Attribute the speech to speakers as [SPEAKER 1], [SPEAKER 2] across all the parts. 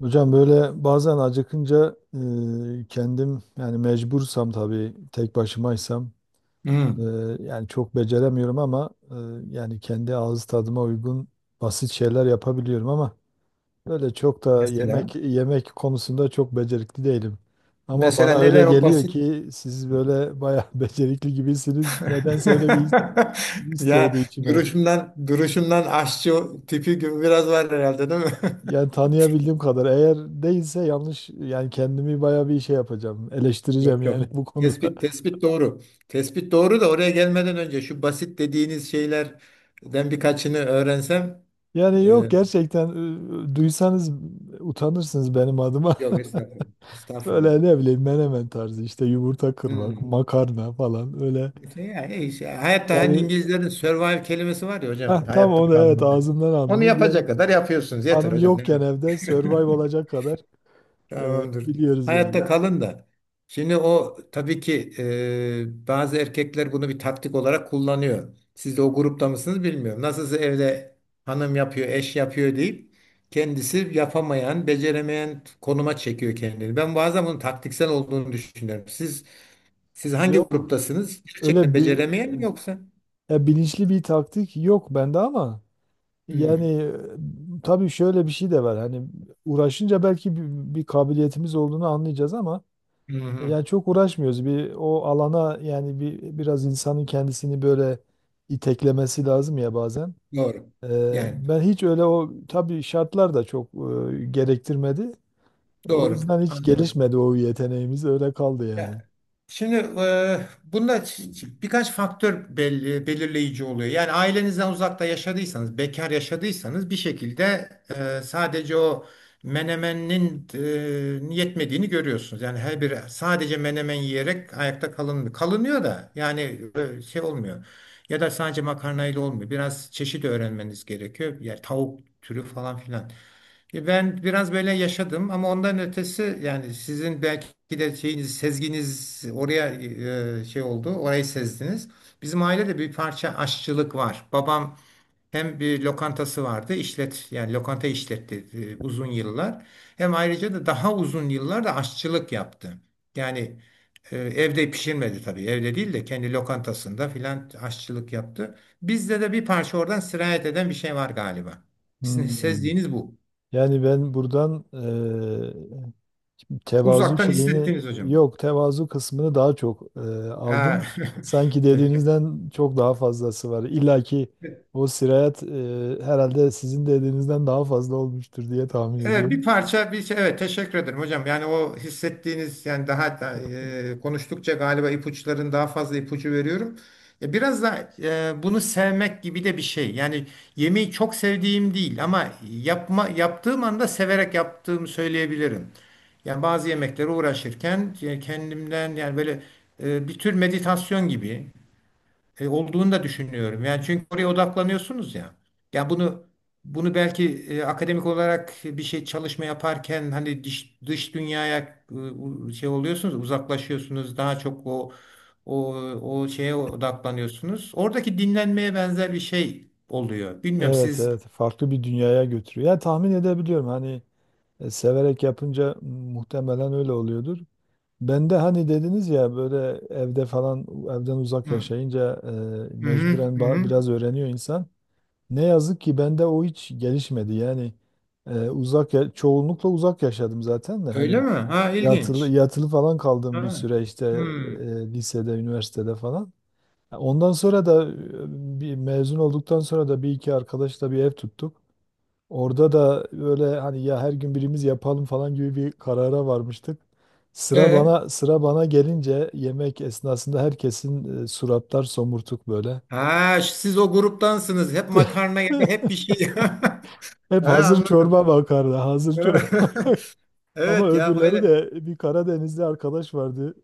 [SPEAKER 1] Hocam böyle bazen acıkınca kendim yani mecbursam tabii tek başımaysam e,
[SPEAKER 2] Hmm.
[SPEAKER 1] yani çok beceremiyorum ama yani kendi ağız tadıma uygun basit şeyler yapabiliyorum ama böyle çok da
[SPEAKER 2] Mesela
[SPEAKER 1] yemek yemek konusunda çok becerikli değilim. Ama
[SPEAKER 2] mesela
[SPEAKER 1] bana öyle
[SPEAKER 2] neler o
[SPEAKER 1] geliyor
[SPEAKER 2] basit
[SPEAKER 1] ki siz böyle bayağı becerikli gibisiniz. Nedense öyle bir his, his
[SPEAKER 2] ya
[SPEAKER 1] doğdu içime.
[SPEAKER 2] duruşundan duruşundan aşçı tipi gibi biraz var herhalde değil mi?
[SPEAKER 1] Yani tanıyabildiğim kadar. Eğer değilse yanlış yani kendimi bayağı bir şey yapacağım. Eleştireceğim
[SPEAKER 2] Yok, yok.
[SPEAKER 1] yani bu konuda.
[SPEAKER 2] Tespit doğru. Tespit doğru da oraya gelmeden önce şu basit dediğiniz şeylerden birkaçını öğrensem
[SPEAKER 1] Yani yok
[SPEAKER 2] e,
[SPEAKER 1] gerçekten duysanız utanırsınız benim adıma.
[SPEAKER 2] Yok, estağfurullah. Estağfurullah.
[SPEAKER 1] Böyle ne bileyim menemen tarzı işte yumurta kırmak,
[SPEAKER 2] Hmm.
[SPEAKER 1] makarna falan öyle.
[SPEAKER 2] İşte ya, işte hayatta hani
[SPEAKER 1] Yani
[SPEAKER 2] İngilizlerin survive kelimesi var ya hocam
[SPEAKER 1] heh, tam
[SPEAKER 2] hayatta
[SPEAKER 1] onu evet
[SPEAKER 2] kalmak.
[SPEAKER 1] ağzımdan
[SPEAKER 2] Onu
[SPEAKER 1] aldınız. Yani
[SPEAKER 2] yapacak kadar yapıyorsunuz yeter
[SPEAKER 1] hanım
[SPEAKER 2] hocam. Ne
[SPEAKER 1] yokken evde survive
[SPEAKER 2] yapayım?
[SPEAKER 1] olacak kadar e,
[SPEAKER 2] Tamamdır.
[SPEAKER 1] biliyoruz yani.
[SPEAKER 2] Hayatta kalın da. Şimdi o tabii ki bazı erkekler bunu bir taktik olarak kullanıyor. Siz de o grupta mısınız bilmiyorum. Nasılsa evde hanım yapıyor, eş yapıyor deyip kendisi yapamayan, beceremeyen konuma çekiyor kendini. Ben bazen bunun taktiksel olduğunu düşünüyorum. Siz hangi
[SPEAKER 1] Yok.
[SPEAKER 2] gruptasınız? Gerçekten
[SPEAKER 1] Öyle bir
[SPEAKER 2] beceremeyen mi yoksa?
[SPEAKER 1] ya bilinçli bir taktik yok bende ama yani
[SPEAKER 2] Hmm.
[SPEAKER 1] tabii şöyle bir şey de var. Hani uğraşınca belki bir kabiliyetimiz olduğunu anlayacağız ama
[SPEAKER 2] Hı hı.
[SPEAKER 1] yani çok uğraşmıyoruz. Bir o alana yani bir biraz insanın kendisini böyle iteklemesi lazım ya bazen.
[SPEAKER 2] Doğru. Yani
[SPEAKER 1] Ben hiç öyle o tabii şartlar da çok gerektirmedi. O
[SPEAKER 2] doğru.
[SPEAKER 1] yüzden hiç
[SPEAKER 2] Anladım.
[SPEAKER 1] gelişmedi o yeteneğimiz öyle kaldı yani.
[SPEAKER 2] Ya, şimdi bunda birkaç faktör belli, belirleyici oluyor. Yani ailenizden uzakta yaşadıysanız, bekar yaşadıysanız bir şekilde sadece o menemenin yetmediğini görüyorsunuz. Yani her bir sadece menemen yiyerek ayakta kalınmıyor. Kalınıyor da yani şey olmuyor. Ya da sadece makarnayla olmuyor. Biraz çeşit öğrenmeniz gerekiyor. Yani tavuk türü falan filan. Ben biraz böyle yaşadım ama ondan ötesi yani sizin belki de şeyiniz, sezginiz oraya şey oldu, orayı sezdiniz. Bizim ailede bir parça aşçılık var. Babam hem bir lokantası vardı, işlet yani lokanta işletti uzun yıllar. Hem ayrıca da daha uzun yıllar da aşçılık yaptı. Yani evde pişirmedi tabii, evde değil de kendi lokantasında filan aşçılık yaptı. Bizde de bir parça oradan sirayet eden bir şey var galiba. Sizin
[SPEAKER 1] Hmm.
[SPEAKER 2] sezdiğiniz bu.
[SPEAKER 1] Yani ben buradan tevazu
[SPEAKER 2] Uzaktan
[SPEAKER 1] şeyini,
[SPEAKER 2] hissettiğiniz hocam.
[SPEAKER 1] yok tevazu kısmını daha çok
[SPEAKER 2] Ha,
[SPEAKER 1] aldım. Sanki
[SPEAKER 2] Teşekkür.
[SPEAKER 1] dediğinizden çok daha fazlası var. İlla ki o sirayet herhalde sizin dediğinizden daha fazla olmuştur diye tahmin
[SPEAKER 2] Evet, bir
[SPEAKER 1] ediyorum.
[SPEAKER 2] parça bir şey, evet teşekkür ederim hocam. Yani o hissettiğiniz yani daha da, konuştukça galiba ipuçların daha fazla ipucu veriyorum. Biraz da bunu sevmek gibi de bir şey. Yani yemeği çok sevdiğim değil ama yapma yaptığım anda severek yaptığımı söyleyebilirim. Yani bazı yemeklere uğraşırken kendimden yani böyle bir tür meditasyon gibi olduğunu da düşünüyorum. Yani çünkü oraya odaklanıyorsunuz ya. Ya bunu belki akademik olarak bir şey çalışma yaparken hani dış dünyaya şey oluyorsunuz, uzaklaşıyorsunuz. Daha çok o o şeye odaklanıyorsunuz. Oradaki dinlenmeye benzer bir şey oluyor. Bilmiyorum
[SPEAKER 1] Evet,
[SPEAKER 2] siz
[SPEAKER 1] evet, farklı bir dünyaya götürüyor. Ya tahmin edebiliyorum hani severek yapınca muhtemelen öyle oluyordur. Ben de hani dediniz ya böyle evde falan evden uzak
[SPEAKER 2] Hı
[SPEAKER 1] yaşayınca
[SPEAKER 2] hı hı.
[SPEAKER 1] mecburen
[SPEAKER 2] hı. hı.
[SPEAKER 1] biraz öğreniyor insan. Ne yazık ki bende o hiç gelişmedi. Yani çoğunlukla uzak yaşadım zaten de
[SPEAKER 2] Öyle
[SPEAKER 1] hani
[SPEAKER 2] mi? Ha,
[SPEAKER 1] yatılı
[SPEAKER 2] ilginç.
[SPEAKER 1] yatılı falan kaldığım bir
[SPEAKER 2] Ha.
[SPEAKER 1] süre işte
[SPEAKER 2] Hı.
[SPEAKER 1] lisede, üniversitede falan. Ondan sonra da bir mezun olduktan sonra da bir iki arkadaşla bir ev tuttuk. Orada da böyle hani ya her gün birimiz yapalım falan gibi bir karara varmıştık. Sıra
[SPEAKER 2] E,
[SPEAKER 1] bana sıra bana gelince yemek esnasında herkesin suratlar somurtuk böyle.
[SPEAKER 2] ha, siz o gruptansınız. Hep makarna ya da hep bir şey.
[SPEAKER 1] Hep
[SPEAKER 2] Ha,
[SPEAKER 1] hazır
[SPEAKER 2] anladım.
[SPEAKER 1] çorba bakardı. Hazır çorba. Ama
[SPEAKER 2] Evet ya
[SPEAKER 1] öbürleri
[SPEAKER 2] öyle.
[SPEAKER 1] de bir Karadenizli arkadaş vardı.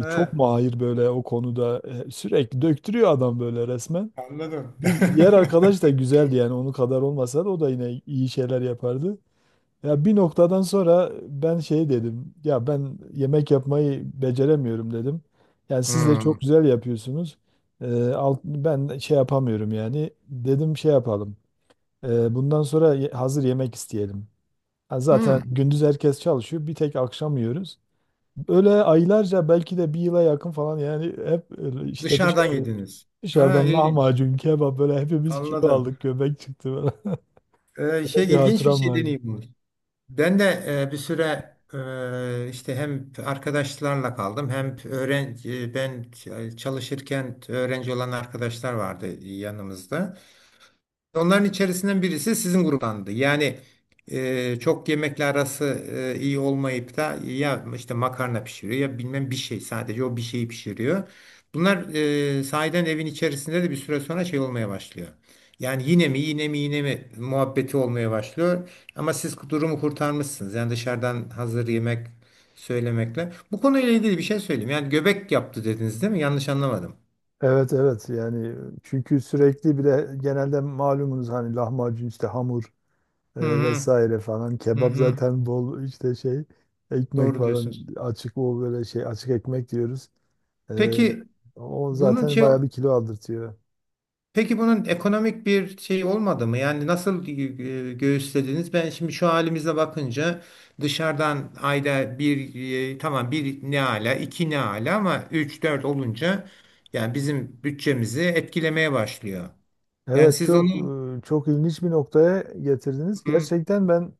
[SPEAKER 1] Çok mahir böyle o konuda. Sürekli döktürüyor adam böyle resmen.
[SPEAKER 2] anladım.
[SPEAKER 1] Bir diğer arkadaş da güzeldi yani onun kadar olmasa da o da yine iyi şeyler yapardı. Ya bir noktadan sonra ben şey dedim. Ya ben yemek yapmayı beceremiyorum dedim. Yani siz de
[SPEAKER 2] Hmm.
[SPEAKER 1] çok güzel yapıyorsunuz. Ben şey yapamıyorum yani. Dedim şey yapalım. Bundan sonra hazır yemek isteyelim. Ha,
[SPEAKER 2] Hmm.
[SPEAKER 1] zaten gündüz herkes çalışıyor. Bir tek akşam yiyoruz. Öyle aylarca belki de bir yıla yakın falan yani hep öyle işte
[SPEAKER 2] Dışarıdan
[SPEAKER 1] dışarıdan,
[SPEAKER 2] yediniz. Ha,
[SPEAKER 1] dışarıdan
[SPEAKER 2] ilginç.
[SPEAKER 1] lahmacun, kebap böyle hepimiz kilo
[SPEAKER 2] Anladım.
[SPEAKER 1] aldık. Göbek çıktı böyle.
[SPEAKER 2] Şey
[SPEAKER 1] Bir
[SPEAKER 2] ilginç bir
[SPEAKER 1] hatıram
[SPEAKER 2] şey
[SPEAKER 1] vardı.
[SPEAKER 2] deneyimmiş. Ben de bir süre işte hem arkadaşlarla kaldım hem öğrenci ben çalışırken öğrenci olan arkadaşlar vardı yanımızda. Onların içerisinden birisi sizin gruptandı. Yani çok yemekle arası iyi olmayıp da ya işte makarna pişiriyor ya bilmem bir şey sadece o bir şeyi pişiriyor. Bunlar sahiden evin içerisinde de bir süre sonra şey olmaya başlıyor. Yani yine mi yine mi muhabbeti olmaya başlıyor. Ama siz durumu kurtarmışsınız. Yani dışarıdan hazır yemek söylemekle. Bu konuyla ilgili bir şey söyleyeyim. Yani göbek yaptı dediniz değil mi? Yanlış anlamadım.
[SPEAKER 1] Evet, evet, yani çünkü sürekli bir de genelde malumunuz hani lahmacun işte hamur
[SPEAKER 2] Hı hı,
[SPEAKER 1] vesaire falan
[SPEAKER 2] hı
[SPEAKER 1] kebap
[SPEAKER 2] hı.
[SPEAKER 1] zaten bol işte şey ekmek
[SPEAKER 2] Doğru
[SPEAKER 1] falan,
[SPEAKER 2] diyorsunuz.
[SPEAKER 1] açık o böyle şey, açık ekmek diyoruz. E,
[SPEAKER 2] Peki
[SPEAKER 1] O
[SPEAKER 2] bunun
[SPEAKER 1] zaten
[SPEAKER 2] şey,
[SPEAKER 1] bayağı bir kilo aldırtıyor.
[SPEAKER 2] peki bunun ekonomik bir şey olmadı mı? Yani nasıl göğüslediniz? Ben şimdi şu halimize bakınca dışarıdan ayda bir, tamam bir ne ala iki ne ala ama üç dört olunca yani bizim bütçemizi etkilemeye başlıyor. Yani
[SPEAKER 1] Evet,
[SPEAKER 2] siz onu
[SPEAKER 1] çok çok ilginç bir noktaya getirdiniz.
[SPEAKER 2] Hı,
[SPEAKER 1] Gerçekten ben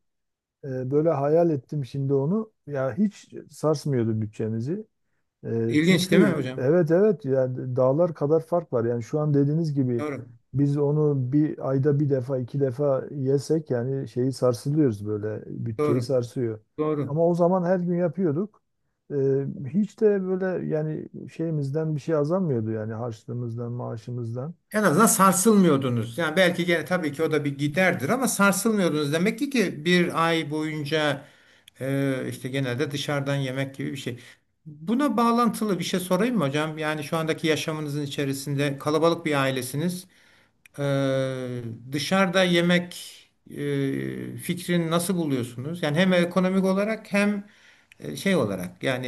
[SPEAKER 1] böyle hayal ettim şimdi onu. Ya hiç sarsmıyordu bütçemizi.
[SPEAKER 2] ilginç değil mi
[SPEAKER 1] Çünkü
[SPEAKER 2] hocam?
[SPEAKER 1] evet, evet, yani dağlar kadar fark var. Yani şu an dediğiniz gibi
[SPEAKER 2] Doğru,
[SPEAKER 1] biz onu bir ayda bir defa iki defa yesek yani şeyi sarsılıyoruz böyle bütçeyi
[SPEAKER 2] doğru,
[SPEAKER 1] sarsıyor.
[SPEAKER 2] doğru.
[SPEAKER 1] Ama o zaman her gün yapıyorduk. E, Hiç de böyle yani şeyimizden bir şey azalmıyordu yani harçlığımızdan maaşımızdan.
[SPEAKER 2] En azından sarsılmıyordunuz. Yani belki gene tabii ki o da bir giderdir ama sarsılmıyordunuz. Demek ki bir ay boyunca işte genelde dışarıdan yemek gibi bir şey. Buna bağlantılı bir şey sorayım mı hocam? Yani şu andaki yaşamınızın içerisinde kalabalık bir ailesiniz. E, dışarıda yemek fikrini nasıl buluyorsunuz? Yani hem ekonomik olarak hem şey olarak yani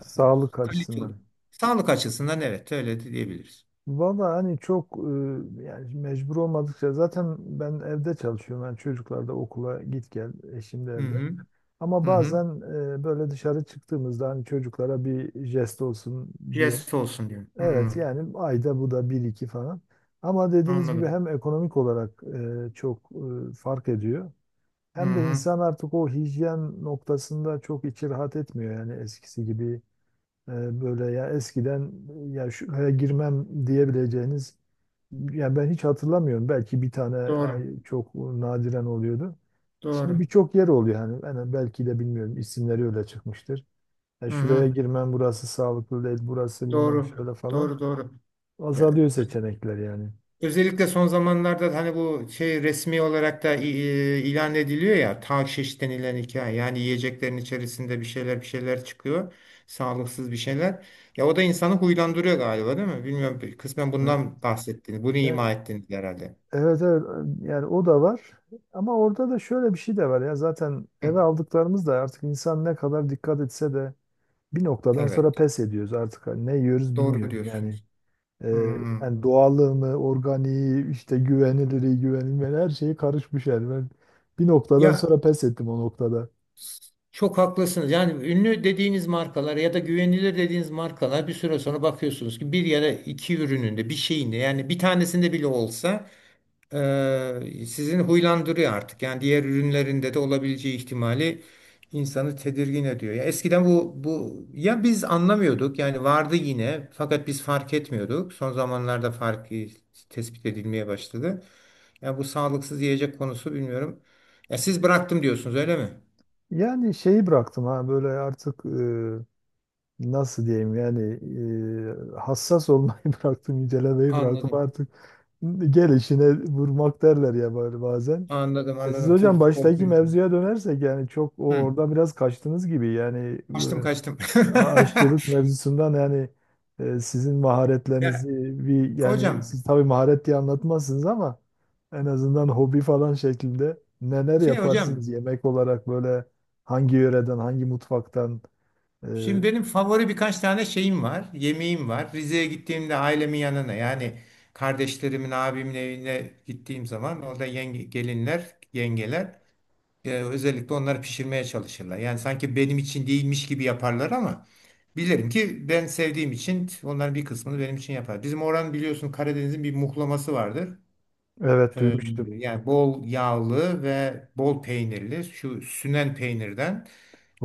[SPEAKER 1] Sağlık
[SPEAKER 2] kalite olarak.
[SPEAKER 1] açısından.
[SPEAKER 2] Sağlık açısından evet öyle de diyebiliriz.
[SPEAKER 1] Valla hani çok yani mecbur olmadıkça zaten ben evde çalışıyorum. Yani çocuklar da okula git gel, eşim de
[SPEAKER 2] Hı
[SPEAKER 1] evde.
[SPEAKER 2] hı. Hı
[SPEAKER 1] Ama
[SPEAKER 2] hı.
[SPEAKER 1] bazen böyle dışarı çıktığımızda hani çocuklara bir jest olsun diye.
[SPEAKER 2] Yes olsun diyor.
[SPEAKER 1] Evet
[SPEAKER 2] Hmm,
[SPEAKER 1] yani ayda bu da bir iki falan. Ama dediğiniz gibi
[SPEAKER 2] anladım.
[SPEAKER 1] hem ekonomik olarak çok fark ediyor.
[SPEAKER 2] Hı
[SPEAKER 1] Hem de
[SPEAKER 2] hı.
[SPEAKER 1] insan artık o hijyen noktasında çok içi rahat etmiyor yani eskisi gibi böyle, ya eskiden ya şuraya girmem diyebileceğiniz, ya ben hiç hatırlamıyorum. Belki bir tane
[SPEAKER 2] Doğru.
[SPEAKER 1] ay çok nadiren oluyordu. Şimdi
[SPEAKER 2] Doğru.
[SPEAKER 1] birçok yer oluyor hani ben belki de bilmiyorum isimleri öyle çıkmıştır. Ya
[SPEAKER 2] Hı
[SPEAKER 1] şuraya
[SPEAKER 2] hı.
[SPEAKER 1] girmem, burası sağlıklı değil, burası bilmem
[SPEAKER 2] Doğru.
[SPEAKER 1] şöyle falan.
[SPEAKER 2] Doğru, doğru. Ya,
[SPEAKER 1] Azalıyor seçenekler yani.
[SPEAKER 2] özellikle son zamanlarda da hani bu şey resmi olarak da ilan ediliyor ya takşiş denilen hikaye. Yani yiyeceklerin içerisinde bir şeyler çıkıyor. Sağlıksız bir şeyler. Ya o da insanı huylandırıyor galiba değil mi? Bilmiyorum. Kısmen
[SPEAKER 1] Evet.
[SPEAKER 2] bundan bahsettiğini, bunu
[SPEAKER 1] Yani
[SPEAKER 2] ima ettiğini herhalde.
[SPEAKER 1] evet, evet, yani o da var ama orada da şöyle bir şey de var, ya zaten
[SPEAKER 2] Hı.
[SPEAKER 1] eve aldıklarımız da artık insan ne kadar dikkat etse de bir noktadan sonra
[SPEAKER 2] Evet.
[SPEAKER 1] pes ediyoruz artık. Hani ne yiyoruz
[SPEAKER 2] Doğru
[SPEAKER 1] bilmiyorum. Yani,
[SPEAKER 2] diyorsunuz.
[SPEAKER 1] e,
[SPEAKER 2] Hmm.
[SPEAKER 1] yani doğallığını, organiği, işte güvenilirliği, güvenilmeyen her şeyi karışmış yani. Ben bir noktadan
[SPEAKER 2] Ya,
[SPEAKER 1] sonra pes ettim o noktada.
[SPEAKER 2] çok haklısınız. Yani ünlü dediğiniz markalar ya da güvenilir dediğiniz markalar bir süre sonra bakıyorsunuz ki bir ya da iki ürününde bir şeyinde yani bir tanesinde bile olsa, sizin huylandırıyor artık. Yani diğer ürünlerinde de olabileceği ihtimali insanı tedirgin ediyor. Ya eskiden bu ya biz anlamıyorduk yani vardı yine fakat biz fark etmiyorduk. Son zamanlarda farkı tespit edilmeye başladı. Ya bu sağlıksız yiyecek konusu bilmiyorum. Ya siz bıraktım diyorsunuz öyle mi?
[SPEAKER 1] Yani şeyi bıraktım, ha böyle artık nasıl diyeyim yani hassas olmayı bıraktım, incelemeyi bıraktım
[SPEAKER 2] Anladım.
[SPEAKER 1] artık. Gel işine vurmak derler ya böyle bazen.
[SPEAKER 2] Anladım
[SPEAKER 1] E siz
[SPEAKER 2] anladım. Tabii
[SPEAKER 1] hocam
[SPEAKER 2] futbol
[SPEAKER 1] baştaki
[SPEAKER 2] kulübü.
[SPEAKER 1] mevzuya dönersek yani çok o
[SPEAKER 2] Hı.
[SPEAKER 1] oradan biraz kaçtınız gibi yani
[SPEAKER 2] Kaçtım, kaçtım.
[SPEAKER 1] e, aşçılık mevzusundan yani sizin
[SPEAKER 2] Ya,
[SPEAKER 1] maharetlerinizi bir,
[SPEAKER 2] hocam
[SPEAKER 1] yani siz tabii maharet diye anlatmazsınız ama en azından hobi falan şeklinde neler
[SPEAKER 2] hocam,
[SPEAKER 1] yaparsınız yemek olarak böyle, hangi yöreden hangi mutfaktan e,
[SPEAKER 2] şimdi benim favori birkaç tane şeyim var. Yemeğim var. Rize'ye gittiğimde ailemin yanına yani kardeşlerimin abimin evine gittiğim zaman orada gelinler yengeler özellikle onları pişirmeye çalışırlar. Yani sanki benim için değilmiş gibi yaparlar ama bilirim ki ben sevdiğim için onların bir kısmını benim için yapar. Bizim oranın biliyorsun Karadeniz'in bir muhlaması vardır.
[SPEAKER 1] evet
[SPEAKER 2] Ee,
[SPEAKER 1] duymuştum.
[SPEAKER 2] yani bol yağlı ve bol peynirli şu sünen peynirden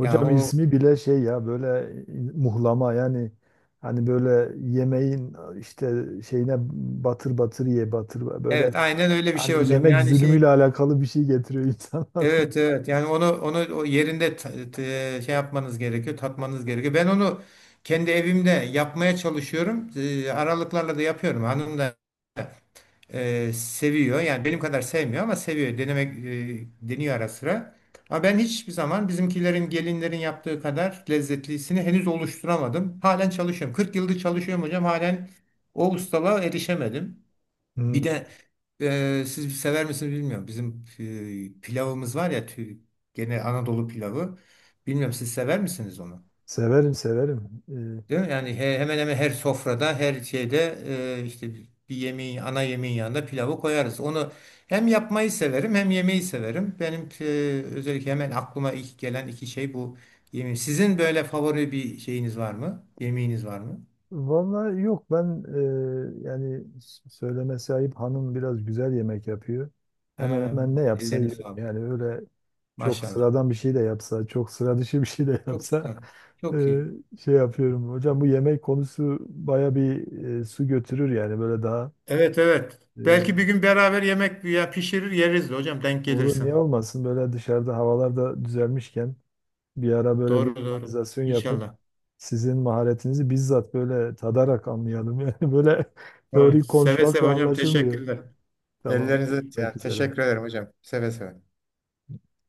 [SPEAKER 2] yani o
[SPEAKER 1] ismi bile şey ya, böyle muhlama yani hani böyle yemeğin işte şeyine batır batır ye batır böyle,
[SPEAKER 2] evet aynen öyle bir şey
[SPEAKER 1] hani
[SPEAKER 2] hocam
[SPEAKER 1] yemek
[SPEAKER 2] yani.
[SPEAKER 1] zulmüyle alakalı bir şey getiriyor insan aklına.
[SPEAKER 2] Evet, evet, onu o yerinde ta- te- şey yapmanız gerekiyor tatmanız gerekiyor. Ben onu kendi evimde yapmaya çalışıyorum. Aralıklarla da yapıyorum. Hanım da seviyor. Yani benim kadar sevmiyor ama seviyor. Deniyor ara sıra. Ama ben hiçbir zaman bizimkilerin, gelinlerin yaptığı kadar lezzetlisini henüz oluşturamadım. Halen çalışıyorum. 40 yıldır çalışıyorum hocam. Halen o ustalığa erişemedim. Bir
[SPEAKER 1] Hmm.
[SPEAKER 2] de siz sever misiniz bilmiyorum. Bizim pilavımız var ya gene Anadolu pilavı. Bilmiyorum siz sever misiniz onu?
[SPEAKER 1] Severim, severim.
[SPEAKER 2] Değil mi? Yani hemen hemen her sofrada, her şeyde işte bir yemeğin, ana yemeğin yanında pilavı koyarız. Onu hem yapmayı severim hem yemeği severim. Benim özellikle hemen aklıma ilk gelen iki şey bu yemeği. Sizin böyle favori bir şeyiniz var mı? Yemeğiniz var mı?
[SPEAKER 1] Vallahi yok, ben yani söylemesi ayıp hanım biraz güzel yemek yapıyor. Hemen
[SPEAKER 2] Ha,
[SPEAKER 1] hemen ne yapsa
[SPEAKER 2] ellerine
[SPEAKER 1] yiyorum.
[SPEAKER 2] sağlık.
[SPEAKER 1] Yani öyle çok
[SPEAKER 2] Maşallah.
[SPEAKER 1] sıradan bir şey de yapsa, çok sıra dışı bir şey de
[SPEAKER 2] Çok
[SPEAKER 1] yapsa
[SPEAKER 2] güzel. Çok
[SPEAKER 1] e,
[SPEAKER 2] iyi.
[SPEAKER 1] şey yapıyorum. Hocam bu yemek konusu baya bir su götürür yani böyle daha
[SPEAKER 2] Evet, evet. Belki
[SPEAKER 1] e,
[SPEAKER 2] bir gün beraber yemek ya pişirir yeriz de hocam denk
[SPEAKER 1] olur
[SPEAKER 2] gelirsin.
[SPEAKER 1] niye olmasın, böyle dışarıda havalar da düzelmişken bir ara böyle bir
[SPEAKER 2] Doğru, doğru.
[SPEAKER 1] organizasyon yapıp
[SPEAKER 2] İnşallah.
[SPEAKER 1] sizin maharetinizi bizzat böyle tadarak anlayalım. Yani böyle
[SPEAKER 2] Evet,
[SPEAKER 1] teorik
[SPEAKER 2] seve seve
[SPEAKER 1] konuşmakla
[SPEAKER 2] hocam,
[SPEAKER 1] anlaşılmıyor.
[SPEAKER 2] teşekkürler.
[SPEAKER 1] Tamam,
[SPEAKER 2] Ellerinize yani
[SPEAKER 1] görüşmek
[SPEAKER 2] teşekkür
[SPEAKER 1] üzere.
[SPEAKER 2] ederim hocam. Seve seve.